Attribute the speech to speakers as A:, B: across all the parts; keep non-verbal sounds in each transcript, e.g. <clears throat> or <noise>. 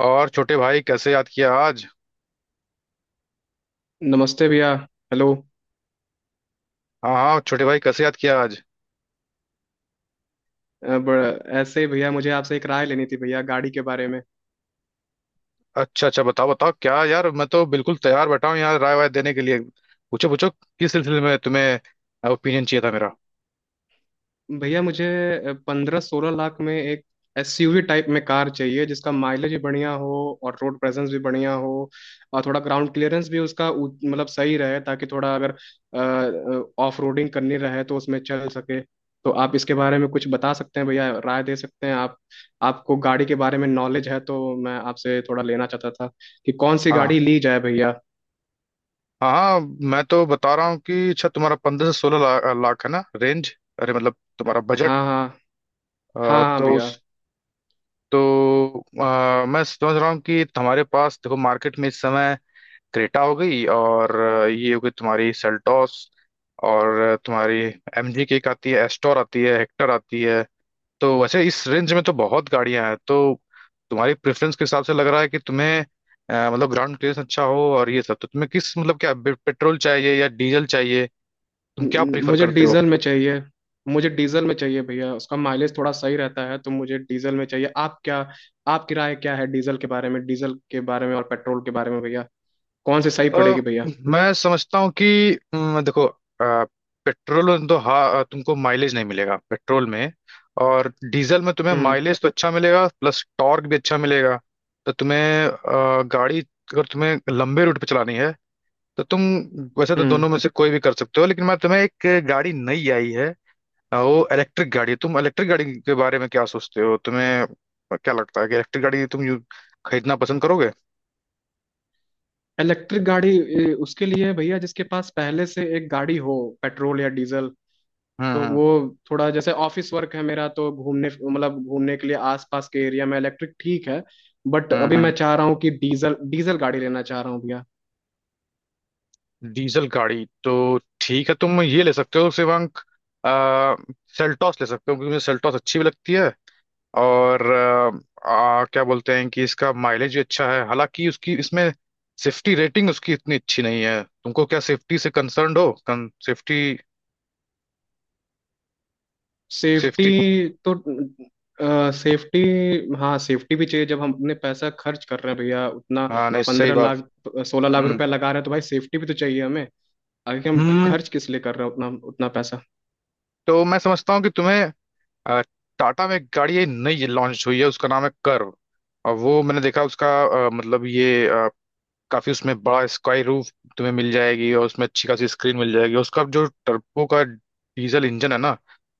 A: और छोटे भाई कैसे याद किया आज?
B: नमस्ते भैया। हेलो।
A: हाँ हाँ, छोटे भाई कैसे याद किया आज?
B: ऐसे ही भैया, मुझे आपसे एक राय लेनी थी भैया, गाड़ी के बारे में।
A: अच्छा अच्छा, बताओ बताओ, क्या यार मैं तो बिल्कुल तैयार बैठा हूँ यार राय वाय देने के लिए। पूछो पूछो, किस सिलसिले में तुम्हें ओपिनियन चाहिए था मेरा?
B: भैया मुझे 15-16 लाख में एक एसयूवी टाइप में कार चाहिए, जिसका माइलेज भी बढ़िया हो और रोड प्रेजेंस भी बढ़िया हो। और थोड़ा ग्राउंड क्लियरेंस भी उसका मतलब सही रहे ताकि थोड़ा अगर ऑफ रोडिंग करनी रहे तो उसमें चल सके। तो आप इसके बारे में कुछ बता सकते हैं भैया, राय दे सकते हैं आप? आपको गाड़ी के बारे में नॉलेज है तो मैं आपसे थोड़ा लेना चाहता था कि कौन सी
A: हाँ।
B: गाड़ी ली जाए भैया।
A: हाँ हाँ। मैं तो बता रहा हूँ कि अच्छा, तुम्हारा 15 से 16 लाख है ना रेंज, अरे मतलब तुम्हारा बजट।
B: हाँ हाँ। हाँ हाँ
A: तो
B: भैया।
A: उस, तो मैं समझ रहा हूँ कि तुम्हारे पास देखो मार्केट में इस समय क्रेटा हो गई, और ये हो गई तुम्हारी सेल्टॉस, और तुम्हारी एमजी की एक आती है, एस्टोर आती है, हेक्टर आती है। तो वैसे इस रेंज में तो बहुत गाड़ियां हैं, तो तुम्हारी प्रेफरेंस के हिसाब से लग रहा है कि तुम्हें मतलब ग्राउंड क्लियरेंस अच्छा हो और ये सब। तो तुम्हें किस, मतलब क्या पेट्रोल चाहिए या डीजल चाहिए, तुम क्या
B: न-
A: प्रीफर
B: मुझे
A: करते हो?
B: डीजल में चाहिए। मुझे डीजल में चाहिए भैया, उसका माइलेज थोड़ा सही रहता है तो मुझे डीजल में चाहिए। आप क्या, आपकी राय क्या है डीजल के बारे में, डीजल के बारे में और पेट्रोल के बारे में भैया? कौन सी सही
A: अ,
B: पड़ेगी भैया?
A: मैं समझता हूँ कि देखो, पेट्रोल तो हाँ, तुमको माइलेज नहीं मिलेगा पेट्रोल में, और डीजल में तुम्हें
B: हम्म।
A: माइलेज तो अच्छा मिलेगा प्लस टॉर्क भी अच्छा मिलेगा। तो तुम्हें गाड़ी अगर तुम्हें लंबे रूट पे चलानी है, तो तुम, वैसे तो
B: हम्म।
A: दोनों में से कोई भी कर सकते हो, लेकिन मैं तुम्हें एक गाड़ी नई आई है, वो इलेक्ट्रिक गाड़ी है। तुम इलेक्ट्रिक गाड़ी के बारे में क्या सोचते हो, तुम्हें क्या लगता है कि इलेक्ट्रिक गाड़ी तुम खरीदना पसंद करोगे?
B: इलेक्ट्रिक गाड़ी उसके लिए है भैया जिसके पास पहले से एक गाड़ी हो, पेट्रोल या डीजल।
A: हम्म।
B: तो
A: हम्म।
B: वो थोड़ा जैसे ऑफिस वर्क है मेरा तो घूमने, मतलब घूमने के लिए आसपास के एरिया में इलेक्ट्रिक ठीक है। बट
A: हम्म।
B: अभी मैं
A: हम्म।
B: चाह रहा हूँ कि डीजल डीजल गाड़ी लेना चाह रहा हूँ भैया।
A: डीजल गाड़ी तो ठीक है, तुम ये ले सकते हो शिवांक। आ, सेल्टॉस ले सकते हो क्योंकि मुझे सेल्टॉस अच्छी भी लगती है, और क्या बोलते हैं कि इसका माइलेज भी अच्छा है, हालांकि उसकी इसमें सेफ्टी रेटिंग उसकी इतनी अच्छी नहीं है। तुमको क्या सेफ्टी से कंसर्न्ड हो, सेफ्टी?
B: Safety
A: safety.
B: तो, सेफ्टी, हाँ सेफ्टी भी चाहिए जब हम अपने पैसा खर्च कर रहे हैं भैया उतना।
A: हाँ नहीं, सही
B: पंद्रह
A: बात।
B: लाख सोलह लाख
A: हम्म
B: रुपया लगा रहे हैं तो भाई सेफ्टी भी तो चाहिए हमें। आगे हम
A: हम्म,
B: खर्च किस लिए कर रहे हैं उतना उतना पैसा।
A: तो मैं समझता हूँ कि तुम्हें अ, टाटा में एक गाड़ी ये नई लॉन्च हुई है, उसका नाम है कर्व, और वो मैंने देखा उसका मतलब ये, काफी उसमें बड़ा स्काई रूफ तुम्हें मिल जाएगी, और उसमें अच्छी खासी स्क्रीन मिल जाएगी। उसका जो टर्बो का डीजल इंजन है ना,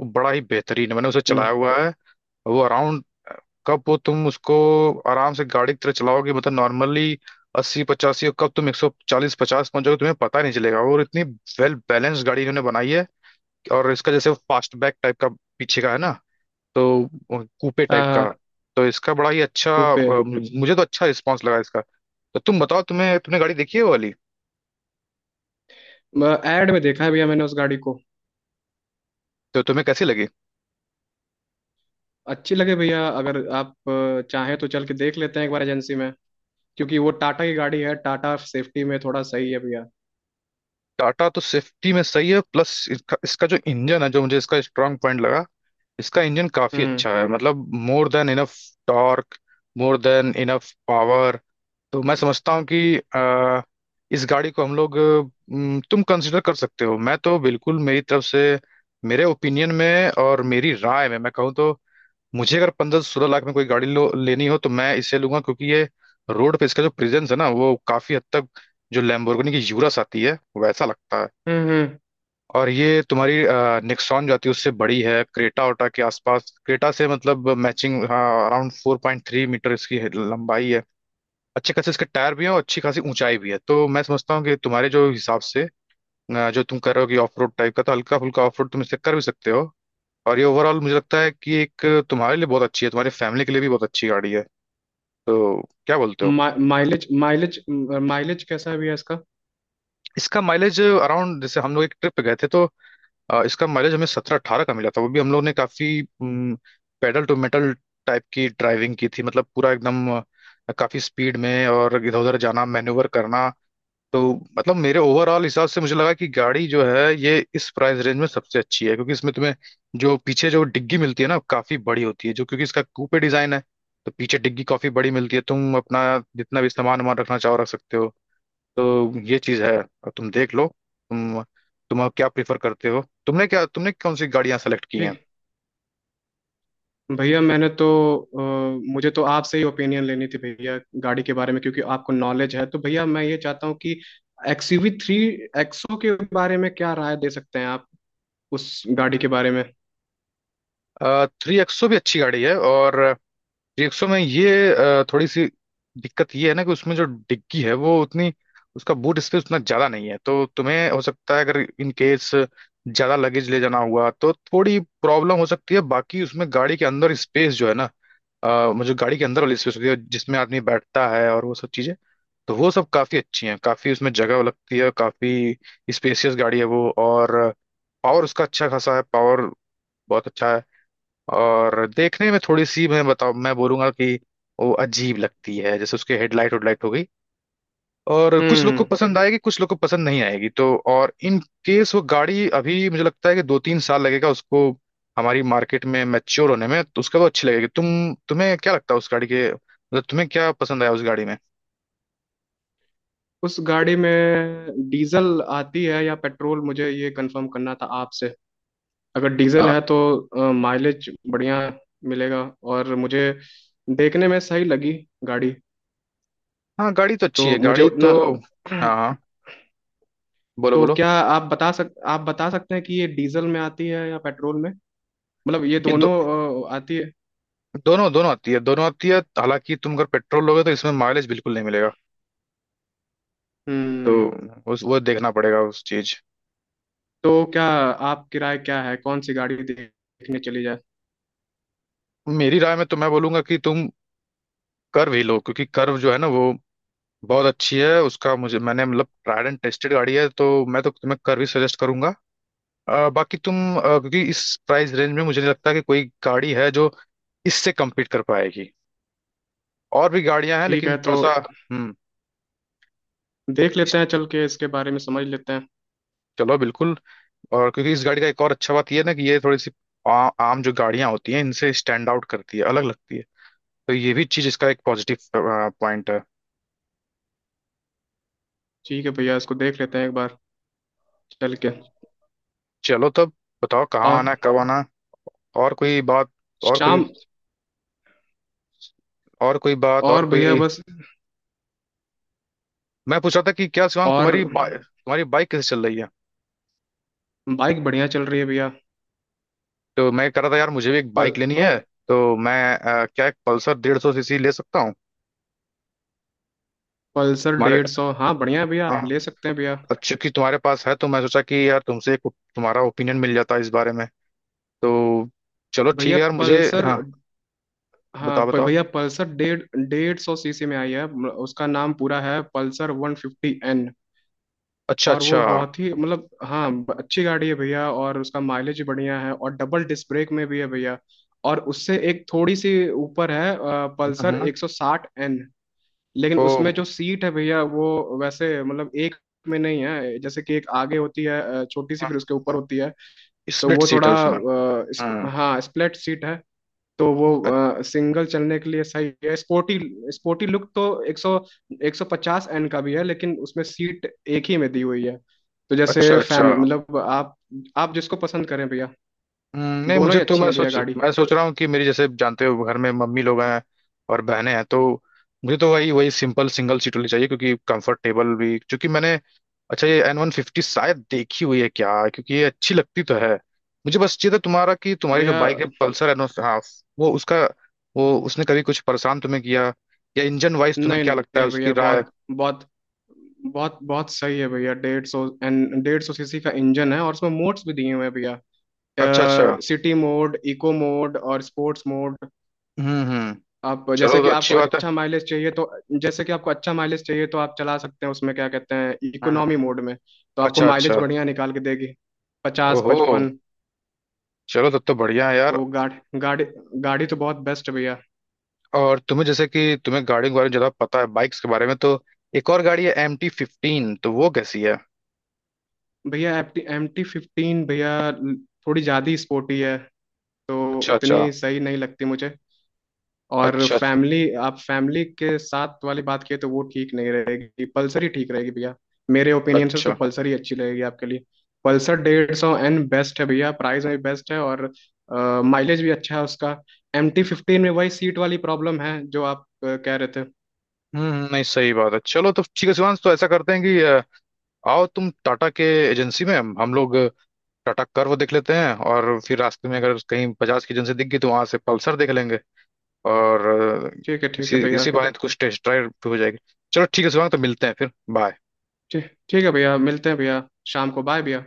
A: वो बड़ा ही बेहतरीन है, मैंने उसे
B: हम्म।
A: चलाया हुआ है। वो अराउंड, कब वो तुम उसको आराम से गाड़ी की तरह चलाओगे मतलब नॉर्मली 80 85, और कब तुम 140 150 पहुंच जाओगे तुम्हें पता नहीं चलेगा, और इतनी वेल बैलेंस्ड गाड़ी इन्होंने बनाई है। और इसका जैसे फास्टबैक टाइप का पीछे का है ना, तो कूपे टाइप का।
B: आ,
A: तो इसका बड़ा ही अच्छा,
B: ऊपे।
A: मुझे तो अच्छा रिस्पॉन्स लगा इसका। तो तुम बताओ, तुम्हें, तुमने गाड़ी देखी है वो वाली,
B: एड में देखा है भैया मैंने उस गाड़ी को।
A: तो तुम्हें कैसी लगी?
B: अच्छी लगे भैया, अगर आप चाहें तो चल के देख लेते हैं एक बार एजेंसी में, क्योंकि वो टाटा की गाड़ी है, टाटा सेफ्टी में थोड़ा सही है भैया।
A: टाटा तो सेफ्टी में सही है, प्लस इसका जो इंजन है जो मुझे इसका स्ट्रांग पॉइंट लगा, इसका इंजन काफी
B: हम्म।
A: अच्छा है, मतलब more than enough torque, more than enough power. तो मैं समझता हूँ कि इस गाड़ी को हम लोग, तुम कंसिडर कर सकते हो, मैं तो बिल्कुल मेरी तरफ से, मेरे ओपिनियन में और मेरी राय में मैं कहूँ तो, मुझे अगर 15 16 लाख में कोई गाड़ी लो लेनी हो तो मैं इसे लूंगा, क्योंकि ये रोड पे इसका जो प्रेजेंस है ना, वो काफी हद तक जो लैम्बोर्गिनी की यूरस आती है, वैसा लगता है।
B: हम्म।
A: और ये तुम्हारी नेक्सॉन जो आती है उससे बड़ी है, क्रेटा ओटा के आसपास, क्रेटा से मतलब मैचिंग। हाँ, अराउंड 4.3 मीटर इसकी लंबाई है। अच्छे खासे इसके टायर भी हैं और अच्छी खासी ऊंचाई भी है, तो मैं समझता हूँ कि तुम्हारे जो हिसाब से, जो तुम कर रहे हो कि ऑफ रोड टाइप का, तो हल्का फुल्का ऑफ रोड तुम इससे कर भी सकते हो। और ये ओवरऑल मुझे लगता है कि एक तुम्हारे लिए बहुत अच्छी है, तुम्हारी फैमिली के लिए भी बहुत अच्छी गाड़ी है। तो क्या बोलते हो?
B: हम्म। माइलेज, माइलेज, माइलेज कैसा है भैया इसका?
A: इसका माइलेज अराउंड, जैसे हम लोग एक ट्रिप पे गए थे तो इसका माइलेज हमें 17 18 का मिला था, वो भी हम लोग ने काफी पेडल टू मेटल टाइप की ड्राइविंग की थी, मतलब पूरा एकदम काफी स्पीड में और इधर उधर जाना मैन्यूवर करना। तो मतलब मेरे ओवरऑल हिसाब से मुझे लगा कि गाड़ी जो है ये, इस प्राइस रेंज में सबसे अच्छी है, क्योंकि इसमें तुम्हें जो पीछे जो डिग्गी मिलती है ना, काफी बड़ी होती है, जो क्योंकि इसका कूपे डिजाइन है, तो पीछे डिग्गी काफी बड़ी मिलती है, तुम अपना जितना भी सामान वामान रखना चाहो रख सकते हो। तो ये चीज है, और तुम देख लो। तुम तुम अब क्या प्रीफर करते हो, तुमने क्या, तुमने कौन सी गाड़ियां सेलेक्ट की
B: ठीक।
A: हैं?
B: भैया मैंने तो, अ, मुझे तो आपसे ही ओपिनियन लेनी थी भैया गाड़ी के बारे में, क्योंकि आपको नॉलेज है। तो भैया मैं ये चाहता हूँ कि एक्सयूवी थ्री एक्सो के बारे में क्या राय दे सकते हैं आप उस गाड़ी के बारे में?
A: थ्री एक्सो भी अच्छी गाड़ी है, और थ्री एक्सो में ये थोड़ी सी दिक्कत ये है ना कि उसमें जो डिग्गी है वो उतनी, उसका बूट स्पेस उतना ज्यादा नहीं है, तो तुम्हें हो सकता है अगर इन केस ज्यादा लगेज ले जाना हुआ तो थोड़ी प्रॉब्लम हो सकती है। बाकी उसमें गाड़ी के अंदर स्पेस जो है ना, मतलब जो गाड़ी के अंदर वाली स्पेस होती है जिसमें आदमी बैठता है और वो सब चीजें, तो वो सब काफी अच्छी हैं, काफी उसमें जगह लगती है, काफी स्पेसियस गाड़ी है वो। और पावर उसका अच्छा खासा है, पावर बहुत अच्छा है। और देखने में थोड़ी सी मैं बताऊँ, मैं बोलूंगा कि वो अजीब लगती है, जैसे उसके हेडलाइट हेडलाइट हो गई, और कुछ लोग को
B: हम्म।
A: पसंद आएगी, कुछ लोग को पसंद नहीं आएगी। तो और इन केस वो गाड़ी अभी मुझे लगता है कि 2 3 साल लगेगा उसको हमारी मार्केट में मैच्योर होने में, तो उसका वो अच्छी लगेगी। तुम, तुम्हें क्या लगता है उस गाड़ी के, मतलब तुम्हें क्या पसंद आया उस गाड़ी में?
B: उस गाड़ी में डीजल आती है या पेट्रोल, मुझे ये कंफर्म करना था आपसे। अगर डीजल
A: आ,
B: है तो माइलेज बढ़िया मिलेगा। और मुझे देखने में सही लगी गाड़ी।
A: हाँ, गाड़ी तो अच्छी है
B: तो मुझे
A: गाड़ी तो।
B: उतना
A: हाँ
B: <clears throat>
A: हाँ, बोलो
B: तो
A: बोलो,
B: क्या आप बता सक आप बता सकते हैं कि ये डीजल में आती है या पेट्रोल में? मतलब ये
A: ये
B: दोनों आती है?
A: दोनों दोनों आती है, दोनों आती है, हालांकि तुम अगर पेट्रोल लोगे तो इसमें माइलेज बिल्कुल नहीं मिलेगा। तो
B: हम्म।
A: उस वो देखना पड़ेगा उस चीज।
B: तो क्या आप, किराए क्या है, कौन सी गाड़ी देखने चली जाए?
A: मेरी राय में तो मैं बोलूंगा कि तुम कर्व ही लो, क्योंकि कर्व जो है ना, वो बहुत अच्छी है, उसका मुझे, मैंने मतलब ट्राइड एंड टेस्टेड गाड़ी है, तो मैं तो तुम्हें कर्व ही सजेस्ट करूंगा। बाकी तुम, क्योंकि इस प्राइस रेंज में मुझे नहीं लगता कि कोई गाड़ी है जो इससे कम्पीट कर पाएगी। और भी गाड़ियां हैं
B: ठीक
A: लेकिन
B: है तो
A: थोड़ा सा। हम्म।
B: देख लेते
A: इस-
B: हैं चल के, इसके बारे में समझ लेते हैं।
A: चलो बिल्कुल। और क्योंकि इस गाड़ी का एक और अच्छा बात यह है ना कि ये थोड़ी सी आ, आम जो गाड़ियां होती हैं इनसे स्टैंड आउट करती है, अलग लगती है। तो ये भी चीज इसका एक पॉजिटिव पॉइंट है।
B: ठीक है भैया, इसको देख लेते हैं एक बार चल के।
A: चलो तब, बताओ कहाँ
B: और
A: आना है, कब आना है, और कोई बात, और कोई,
B: शाम।
A: और कोई बात, और
B: और भैया
A: कोई।
B: बस।
A: मैं पूछ रहा था कि क्या शिवांग,
B: और
A: तुम्हारी बाइक कैसे चल रही है?
B: बाइक बढ़िया चल रही है भैया।
A: तो मैं कह रहा था यार, मुझे भी एक
B: पल
A: बाइक लेनी है। तो मैं क्या एक पल्सर 150 सीसी ले सकता हूँ?
B: पल्सर
A: तुम्हारे,
B: 150, हाँ बढ़िया है भैया,
A: हाँ,
B: आप ले सकते हैं भैया।
A: अब चूंकि तुम्हारे पास है तो मैं सोचा कि यार तुमसे एक, तुम्हारा ओपिनियन मिल जाता है इस बारे में। तो चलो ठीक
B: भैया
A: है यार, मुझे।
B: पल्सर।
A: हाँ
B: हाँ,
A: बताओ बताओ।
B: भैया पल्सर डेढ़ डेढ़ सौ सीसी में आई है, उसका नाम पूरा है पल्सर 150 एन।
A: अच्छा
B: और
A: अच्छा।
B: वो बहुत ही मतलब, हाँ, अच्छी गाड़ी है भैया, और उसका माइलेज बढ़िया है, और डबल डिस्क ब्रेक में भी है भैया। और उससे एक थोड़ी सी ऊपर है
A: हम्म
B: पल्सर
A: हम्म।
B: 160 एन। लेकिन
A: ओ।
B: उसमें जो सीट है भैया वो, वैसे मतलब एक में नहीं है, जैसे कि एक आगे होती है छोटी सी,
A: हाँ,
B: फिर उसके ऊपर होती है। तो
A: स्प्लिट
B: वो
A: सीट
B: थोड़ा,
A: है उसमें। हम्म।
B: हाँ स्प्लिट सीट है। तो वो
A: अ-
B: सिंगल चलने के लिए सही है, स्पोर्टी। स्पोर्टी लुक तो 100 150 एन का भी है, लेकिन उसमें सीट एक ही में दी हुई है। तो
A: अच्छा
B: जैसे
A: अच्छा।
B: फैम, मतलब आप जिसको पसंद करें भैया।
A: नहीं,
B: दोनों
A: मुझे
B: ही
A: तो,
B: अच्छी
A: मैं
B: हैं भैया
A: सोच,
B: गाड़ी।
A: मैं सोच रहा हूँ कि मेरी जैसे जानते हो, घर में मम्मी लोग हैं और बहनें हैं, तो मुझे तो वही वही सिंपल सिंगल सीट वाली चाहिए क्योंकि कंफर्टेबल भी। क्योंकि मैंने, अच्छा ये एन 150 शायद देखी हुई है क्या, क्योंकि ये अच्छी लगती तो है। मुझे बस चाहिए था तुम्हारा कि तुम्हारी जो
B: भैया
A: बाइक है पल्सर एन, हाँ, वो उसका, वो उसने कभी कुछ परेशान तुम्हें किया, या इंजन वाइज तुम्हें
B: नहीं
A: क्या लगता है
B: नहीं
A: उसकी
B: भैया,
A: राय?
B: बहुत बहुत बहुत बहुत सही है भैया। 150 एन 150 सीसी का इंजन है, और उसमें मोड्स भी दिए हुए हैं भैया।
A: अच्छा अच्छा।
B: सिटी मोड, इको मोड और स्पोर्ट्स मोड।
A: हम्म।
B: आप जैसे
A: चलो तो
B: कि आपको
A: अच्छी बात है।
B: अच्छा माइलेज चाहिए तो, जैसे कि आपको अच्छा माइलेज चाहिए तो आप चला सकते हैं उसमें, क्या कहते हैं,
A: हम्म,
B: इकोनॉमी मोड में। तो आपको
A: अच्छा
B: माइलेज
A: अच्छा।
B: बढ़िया निकाल के देगी, पचास
A: ओहो,
B: पचपन
A: चलो तब तो बढ़िया है यार।
B: तो गाड़ी, गाड़ी, गाड़ी तो बहुत बेस्ट है भैया।
A: और तुम्हें जैसे कि तुम्हें गाड़ियों के बारे में ज्यादा पता है, बाइक्स के बारे में, तो एक और गाड़ी है एम टी 15, तो वो कैसी है?
B: भैया एम टी 15, भैया थोड़ी ज़्यादा ही स्पोर्टी है, तो
A: अच्छा अच्छा।
B: उतनी सही नहीं लगती मुझे। और
A: अच्छा
B: फैमिली, आप फैमिली के साथ वाली बात किए तो वो ठीक नहीं रहेगी, पल्सर ही ठीक रहेगी भैया। मेरे ओपिनियन से तो
A: अच्छा।
B: पल्सर ही अच्छी रहेगी आपके लिए। पल्सर डेढ़ सौ एन बेस्ट है भैया, प्राइस में भी बेस्ट है और माइलेज भी अच्छा है उसका। एम टी फिफ्टीन में वही सीट वाली प्रॉब्लम है, जो आप कह रहे थे।
A: नहीं सही बात है। चलो तो ठीक है शिवांश, तो ऐसा करते हैं कि आओ तुम टाटा के एजेंसी में, हम लोग टाटा कर्व देख लेते हैं, और फिर रास्ते में अगर कहीं बजाज की एजेंसी दिख गई तो वहां से पल्सर देख लेंगे। और
B: ठीक है, ठीक
A: इसी
B: है भैया।
A: इसी बहाने तो कुछ टेस्ट ड्राइव भी हो जाएगी। चलो ठीक है शिवांग, तो मिलते हैं फिर। बाय।
B: ठीक, ठीक है भैया, मिलते हैं भैया। शाम को, बाय भैया।